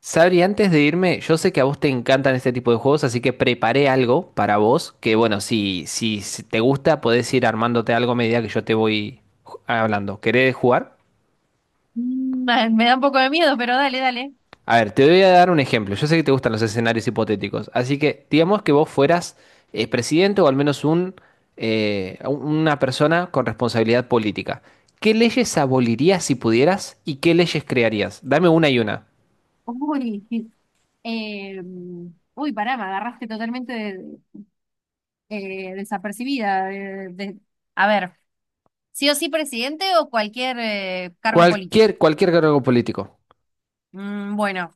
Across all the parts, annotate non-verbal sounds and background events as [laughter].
Sabri, antes de irme, yo sé que a vos te encantan este tipo de juegos, así que preparé algo para vos, que bueno, si te gusta, podés ir armándote algo a medida que yo te voy hablando. ¿Querés jugar? Me da un poco de miedo, pero dale, dale. A ver, te voy a dar un ejemplo. Yo sé que te gustan los escenarios hipotéticos, así que digamos que vos fueras presidente o al menos un, una persona con responsabilidad política. ¿Qué leyes abolirías si pudieras y qué leyes crearías? Dame una y una. Uy, sí. eh, Pará, me agarraste totalmente desapercibida. A ver, ¿sí o sí presidente o cualquier cargo político? Cualquier cargo político. Bueno,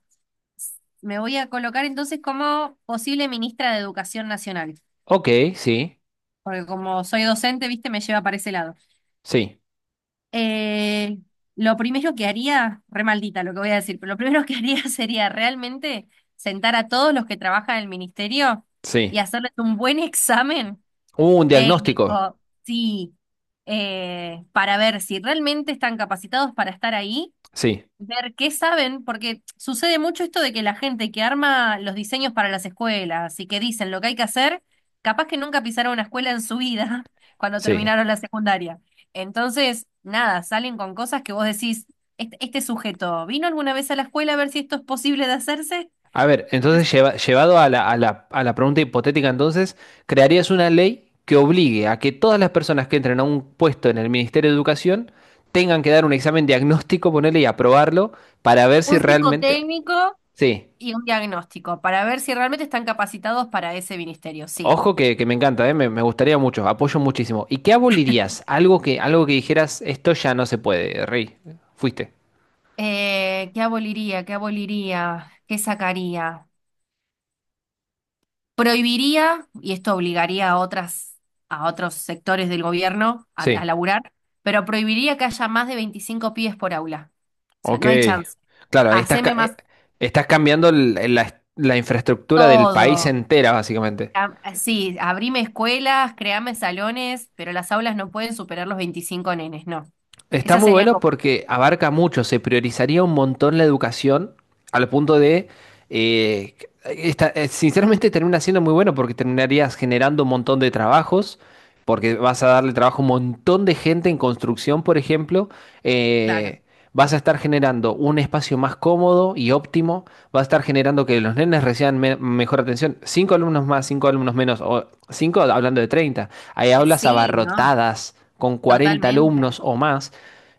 me voy a colocar entonces como posible ministra de Educación Nacional, Ok, sí, porque como soy docente, viste, me lleva para ese lado. sí. Eh, lo primero que haría, re maldita lo que voy a decir, pero lo primero que haría [laughs] sería realmente sentar a todos los que trabajan en el ministerio Sí. y hacerles un buen examen Un diagnóstico. técnico, sí, para ver si realmente están capacitados para estar ahí. Sí, Ver qué saben, porque sucede mucho esto de que la gente que arma los diseños para las escuelas y que dicen lo que hay que hacer, capaz que nunca pisaron una escuela en su vida [laughs] cuando sí. terminaron la secundaria. Entonces, nada, salen con cosas que vos decís, este sujeto, ¿vino alguna vez a la escuela a ver si esto es posible de hacerse? A ver, Entonces, entonces llevado a la pregunta hipotética, entonces, ¿crearías una ley que obligue a que todas las personas que entren a un puesto en el Ministerio de Educación tengan que dar un examen diagnóstico, ponerle y aprobarlo para ver si un realmente... psicotécnico Sí. y un diagnóstico para ver si realmente están capacitados para ese ministerio, sí. Ojo que me encanta, ¿eh? Me gustaría mucho, apoyo muchísimo. ¿Y qué abolirías? Algo que dijeras, esto ya no se puede, Rey. Fuiste. ¿Qué aboliría? ¿Qué aboliría? ¿Qué sacaría? Prohibiría, y esto obligaría a otras, a otros sectores del gobierno a Sí. laburar, pero prohibiría que haya más de 25 pibes por aula. O sea, Ok, no hay chance. claro, ahí estás, Haceme más estás cambiando la infraestructura del país todo. entera, básicamente. Cam- Sí, abrime escuelas, creame salones, pero las aulas no pueden superar los 25 nenes, no. Está Esas muy serían bueno como, porque abarca mucho, se priorizaría un montón la educación al punto de, eh, sinceramente termina siendo muy bueno porque terminarías generando un montón de trabajos, porque vas a darle trabajo a un montón de gente en construcción, por ejemplo claro. eh, vas a estar generando un espacio más cómodo y óptimo, vas a estar generando que los nenes reciban mejor atención. Cinco alumnos más, cinco alumnos menos, o cinco hablando de 30. Hay aulas Sí, ¿no? abarrotadas con 40 Totalmente. alumnos o más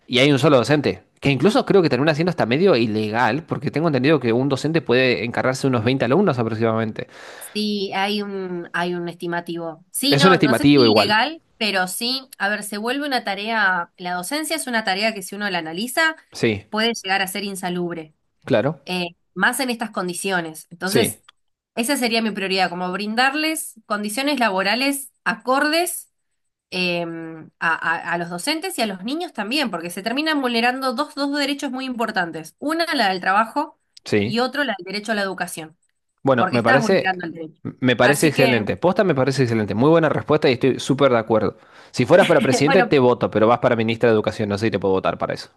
y hay un solo docente. Que incluso creo que termina siendo hasta medio ilegal, porque tengo entendido que un docente puede encargarse de unos 20 alumnos aproximadamente. Sí, hay un estimativo. Sí, Es un no, no sé estimativo si igual. ilegal, pero sí, a ver, se vuelve una tarea, la docencia es una tarea que si uno la analiza Sí, puede llegar a ser insalubre, claro. eh, más en estas condiciones. Sí, Entonces, esa sería mi prioridad, como brindarles condiciones laborales acordes eh, a, a los docentes y a los niños también, porque se terminan vulnerando dos derechos muy importantes. Una, la del trabajo, y sí. otro, la del derecho a la educación, Bueno, porque estás vulnerando el derecho. me parece Así que, excelente. Posta me parece excelente. Muy buena respuesta y estoy súper de acuerdo. Si fueras para [laughs] presidente, bueno, te voto, pero vas para ministra de Educación. No sé si te puedo votar para eso.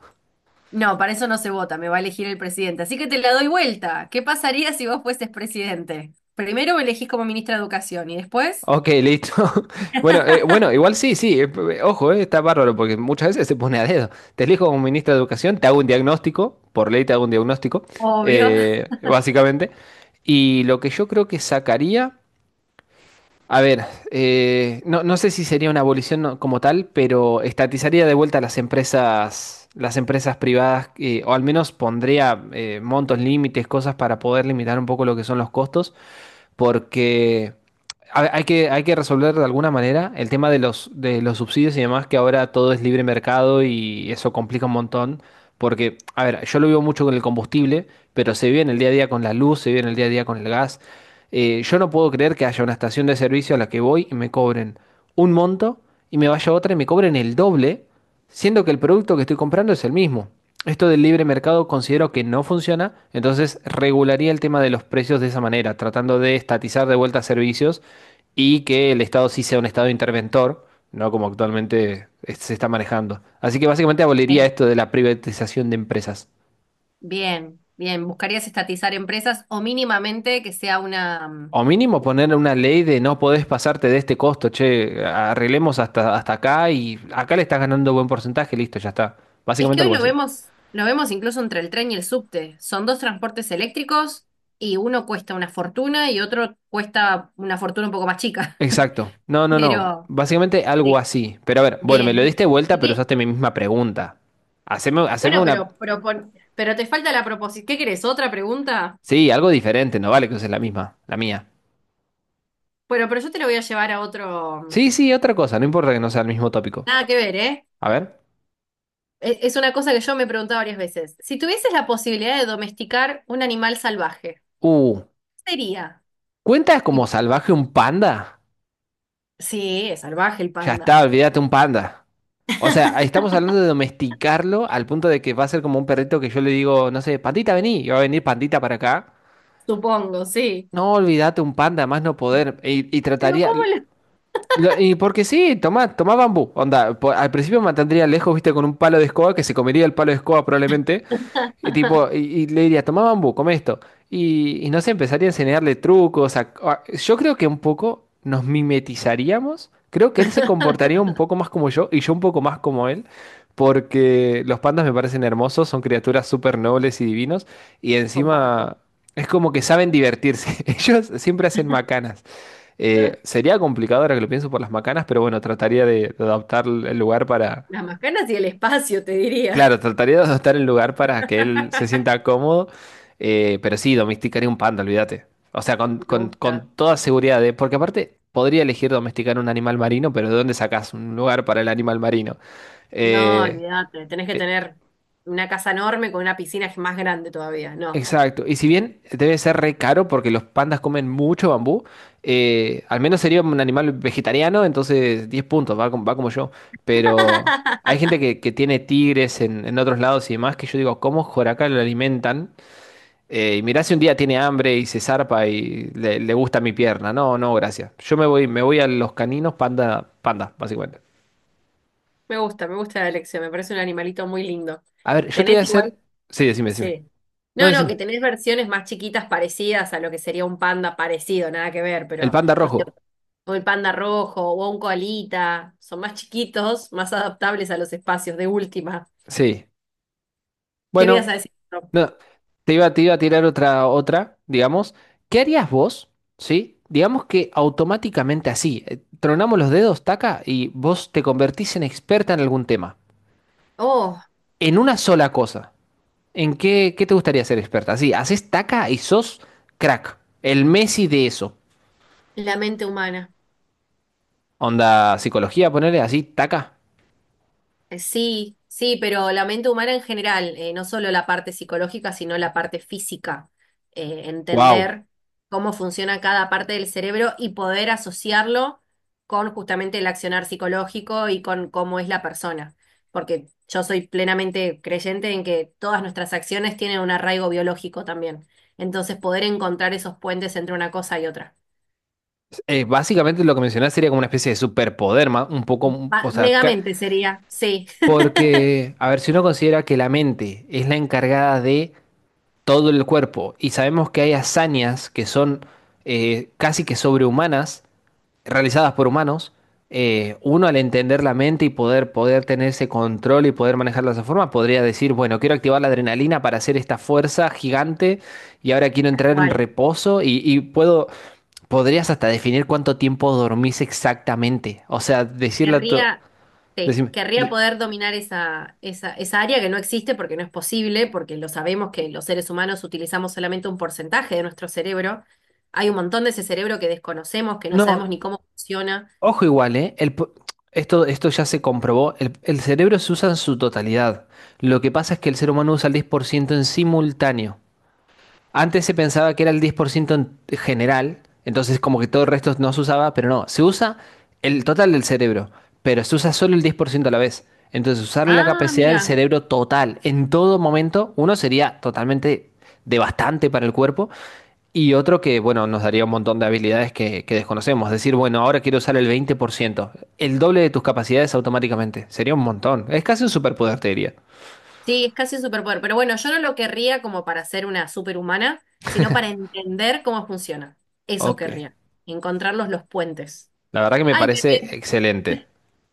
no, para eso no se vota, me va a elegir el presidente. Así que te la doy vuelta. ¿Qué pasaría si vos fueses presidente? Primero me elegís como ministra de Educación y después, Ok, listo. [laughs] Bueno, [laughs] bueno, igual sí, sí. Ojo, está bárbaro porque muchas veces se pone a dedo. Te elijo como ministra de Educación, te hago un diagnóstico, por ley te hago un diagnóstico, obvio. Básicamente. Y lo que yo creo que sacaría. A ver, no sé si sería una abolición como tal, pero estatizaría de vuelta las empresas privadas, o al menos pondría montos, límites, cosas para poder limitar un poco lo que son los costos, porque hay que, hay que resolver de alguna manera el tema de los subsidios y demás, que ahora todo es libre mercado y eso complica un montón. Porque, a ver, yo lo vivo mucho con el combustible, pero se vive en el día a día con la luz, se vive en el día a día con el gas. Yo no puedo creer que haya una estación de servicio a la que voy y me cobren un monto y me vaya a otra y me cobren el doble siendo que el producto que estoy comprando es el mismo. Esto del libre mercado considero que no funciona, entonces regularía el tema de los precios de esa manera, tratando de estatizar de vuelta servicios y que el Estado sí sea un Estado interventor, no como actualmente se está manejando. Así que básicamente aboliría Bien, esto de la privatización de empresas. bien, bien. ¿Buscarías estatizar empresas o mínimamente que sea una... O mínimo poner una ley de no podés pasarte de este costo, che, arreglemos hasta, hasta acá y acá le estás ganando buen porcentaje, listo, ya está. Es Básicamente que hoy algo así. Lo vemos incluso entre el tren y el subte. Son dos transportes eléctricos y uno cuesta una fortuna y otro cuesta una fortuna un poco más chica. Exacto. [laughs] No, no, no. Pero, Básicamente algo sí, así. Pero a ver, bueno, me lo bien. diste vuelta, pero ¿Y usaste mi misma pregunta. Haceme, haceme bueno, una... pero, pero te falta la proposición? ¿Qué querés? ¿Otra pregunta? Sí, algo diferente, no vale que uses la misma, la mía. Bueno, pero yo te lo voy a llevar a otro. Sí, sí, otra cosa, no importa que no sea el mismo tópico. Nada que ver, ¿eh? A ver. Es una cosa que yo me he preguntado varias veces. Si tuvieses la posibilidad de domesticar un animal salvaje, Uh, ¿qué sería? ¿Cuentas ¿Y como por qué? salvaje un panda? Sí, es salvaje el Ya panda. está, olvídate un panda. O sea, ahí estamos [laughs] hablando de domesticarlo al punto de que va a ser como un perrito que yo le digo, no sé, pandita, vení, y va a venir pandita para acá. Supongo, sí. No, olvídate un panda, más no poder. Y Pero trataría. ¿cómo lo Y porque sí, tomá, tomá bambú. Onda, al principio me mantendría lejos, viste, con un palo de escoba que se comería el palo de escoba probablemente. Y, tipo, [laughs] y le diría, toma bambú, come esto. Y no sé, empezaría a enseñarle trucos. Yo creo que un poco nos mimetizaríamos. Creo que él se comportaría un poco más como yo y yo un poco más como él. Porque los pandas me parecen hermosos, son criaturas súper nobles y divinos. Y comparto? encima es como que saben divertirse. [laughs] Ellos siempre hacen macanas. Sería complicado ahora que lo pienso por las macanas, pero bueno, trataría de adaptar el lugar para... Las macanas y el espacio, te diría. Claro, trataría de adaptar el lugar para que él se [laughs] sienta cómodo, pero sí, domesticaría un panda, olvídate. O sea, con, Me gusta. con toda seguridad, porque aparte podría elegir domesticar un animal marino, pero ¿de dónde sacas un lugar para el animal marino? No, Eh, olvídate, tenés que eh, tener una casa enorme con una piscina más grande todavía, no. exacto, y si bien debe ser re caro porque los pandas comen mucho bambú, al menos sería un animal vegetariano, entonces 10 puntos, va, va como yo, pero... Hay [laughs] gente que tiene tigres en otros lados y demás que yo digo, ¿cómo joraca lo alimentan? Y mirá si un día tiene hambre y se zarpa y le gusta mi pierna. No, no, gracias. Yo me voy a los caninos panda, panda, básicamente. Me gusta la elección, me parece un animalito muy lindo. A ver, yo te voy a Tenés igual, hacer. Sí, decime, decime. sí. No, No, no, que decime. tenés versiones más chiquitas parecidas a lo que sería un panda parecido, nada que ver, El pero panda no sé, rojo. o el panda rojo o un koalita, son más chiquitos, más adaptables a los espacios de última. Sí. ¿Qué me ibas a Bueno, decir? no. Te iba a tirar otra, otra, digamos. ¿Qué harías vos? ¿Sí? Digamos que automáticamente así. Tronamos los dedos, taca, y vos te convertís en experta en algún tema. Oh, En una sola cosa. ¿En qué, qué te gustaría ser experta? Sí, haces taca y sos crack. El Messi de eso. la mente humana. Onda, psicología, ponerle así, taca. Sí, sí, pero la mente humana en general, no solo la parte psicológica, sino la parte física. Wow. Entender cómo funciona cada parte del cerebro y poder asociarlo con justamente el accionar psicológico y con cómo es la persona. Porque yo soy plenamente creyente en que todas nuestras acciones tienen un arraigo biológico también. Entonces, poder encontrar esos puentes entre una cosa y otra. Básicamente lo que mencionás sería como una especie de superpoder, un poco, o sea, Megamente sería, sí, [laughs] porque, a ver, si uno considera que la mente es la encargada de todo el cuerpo y sabemos que hay hazañas que son casi que sobrehumanas, realizadas por humanos, uno al entender la mente y poder, poder tener ese control y poder manejarla de esa forma, podría decir, bueno, quiero activar la adrenalina para hacer esta fuerza gigante y ahora quiero tal entrar en cual. reposo y puedo, podrías hasta definir cuánto tiempo dormís exactamente. O sea, decirle a tu... Querría, sí, decime- querría de- poder dominar esa, esa, esa área que no existe porque no es posible, porque lo sabemos que los seres humanos utilizamos solamente un porcentaje de nuestro cerebro. Hay un montón de ese cerebro que desconocemos, que no sabemos no, ni cómo funciona. ojo igual, ¿eh? Esto, esto ya se comprobó, el cerebro se usa en su totalidad. Lo que pasa es que el ser humano usa el 10% en simultáneo. Antes se pensaba que era el 10% en general, entonces como que todo el resto no se usaba, pero no, se usa el total del cerebro, pero se usa solo el 10% a la vez. Entonces usar la Ah, capacidad del mira, cerebro total en todo momento, uno sería totalmente devastante para el cuerpo y otro que, bueno, nos daría un montón de habilidades que desconocemos. Decir, bueno, ahora quiero usar el 20%, el doble de tus capacidades automáticamente, sería un montón. Es casi un superpoder, te diría. sí, es casi un superpoder. Pero bueno, yo no lo querría como para ser una superhumana, sino para entender cómo funciona. Eso Ok, querría, encontrar los puentes. la verdad que me Ay, parece excelente.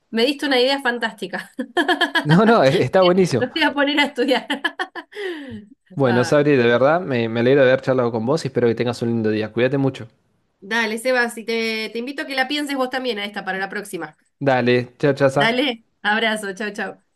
me diste una idea fantástica. No, [laughs] está buenísimo. No te voy a poner a estudiar. [laughs] Bueno, Ay. Sabri, de verdad, me alegra de haber charlado con vos y espero que tengas un lindo día. Cuídate mucho. Dale, Sebas, y te invito a que la pienses vos también a esta para la próxima. Dale, chao, chao. Dale, abrazo, chao, chao.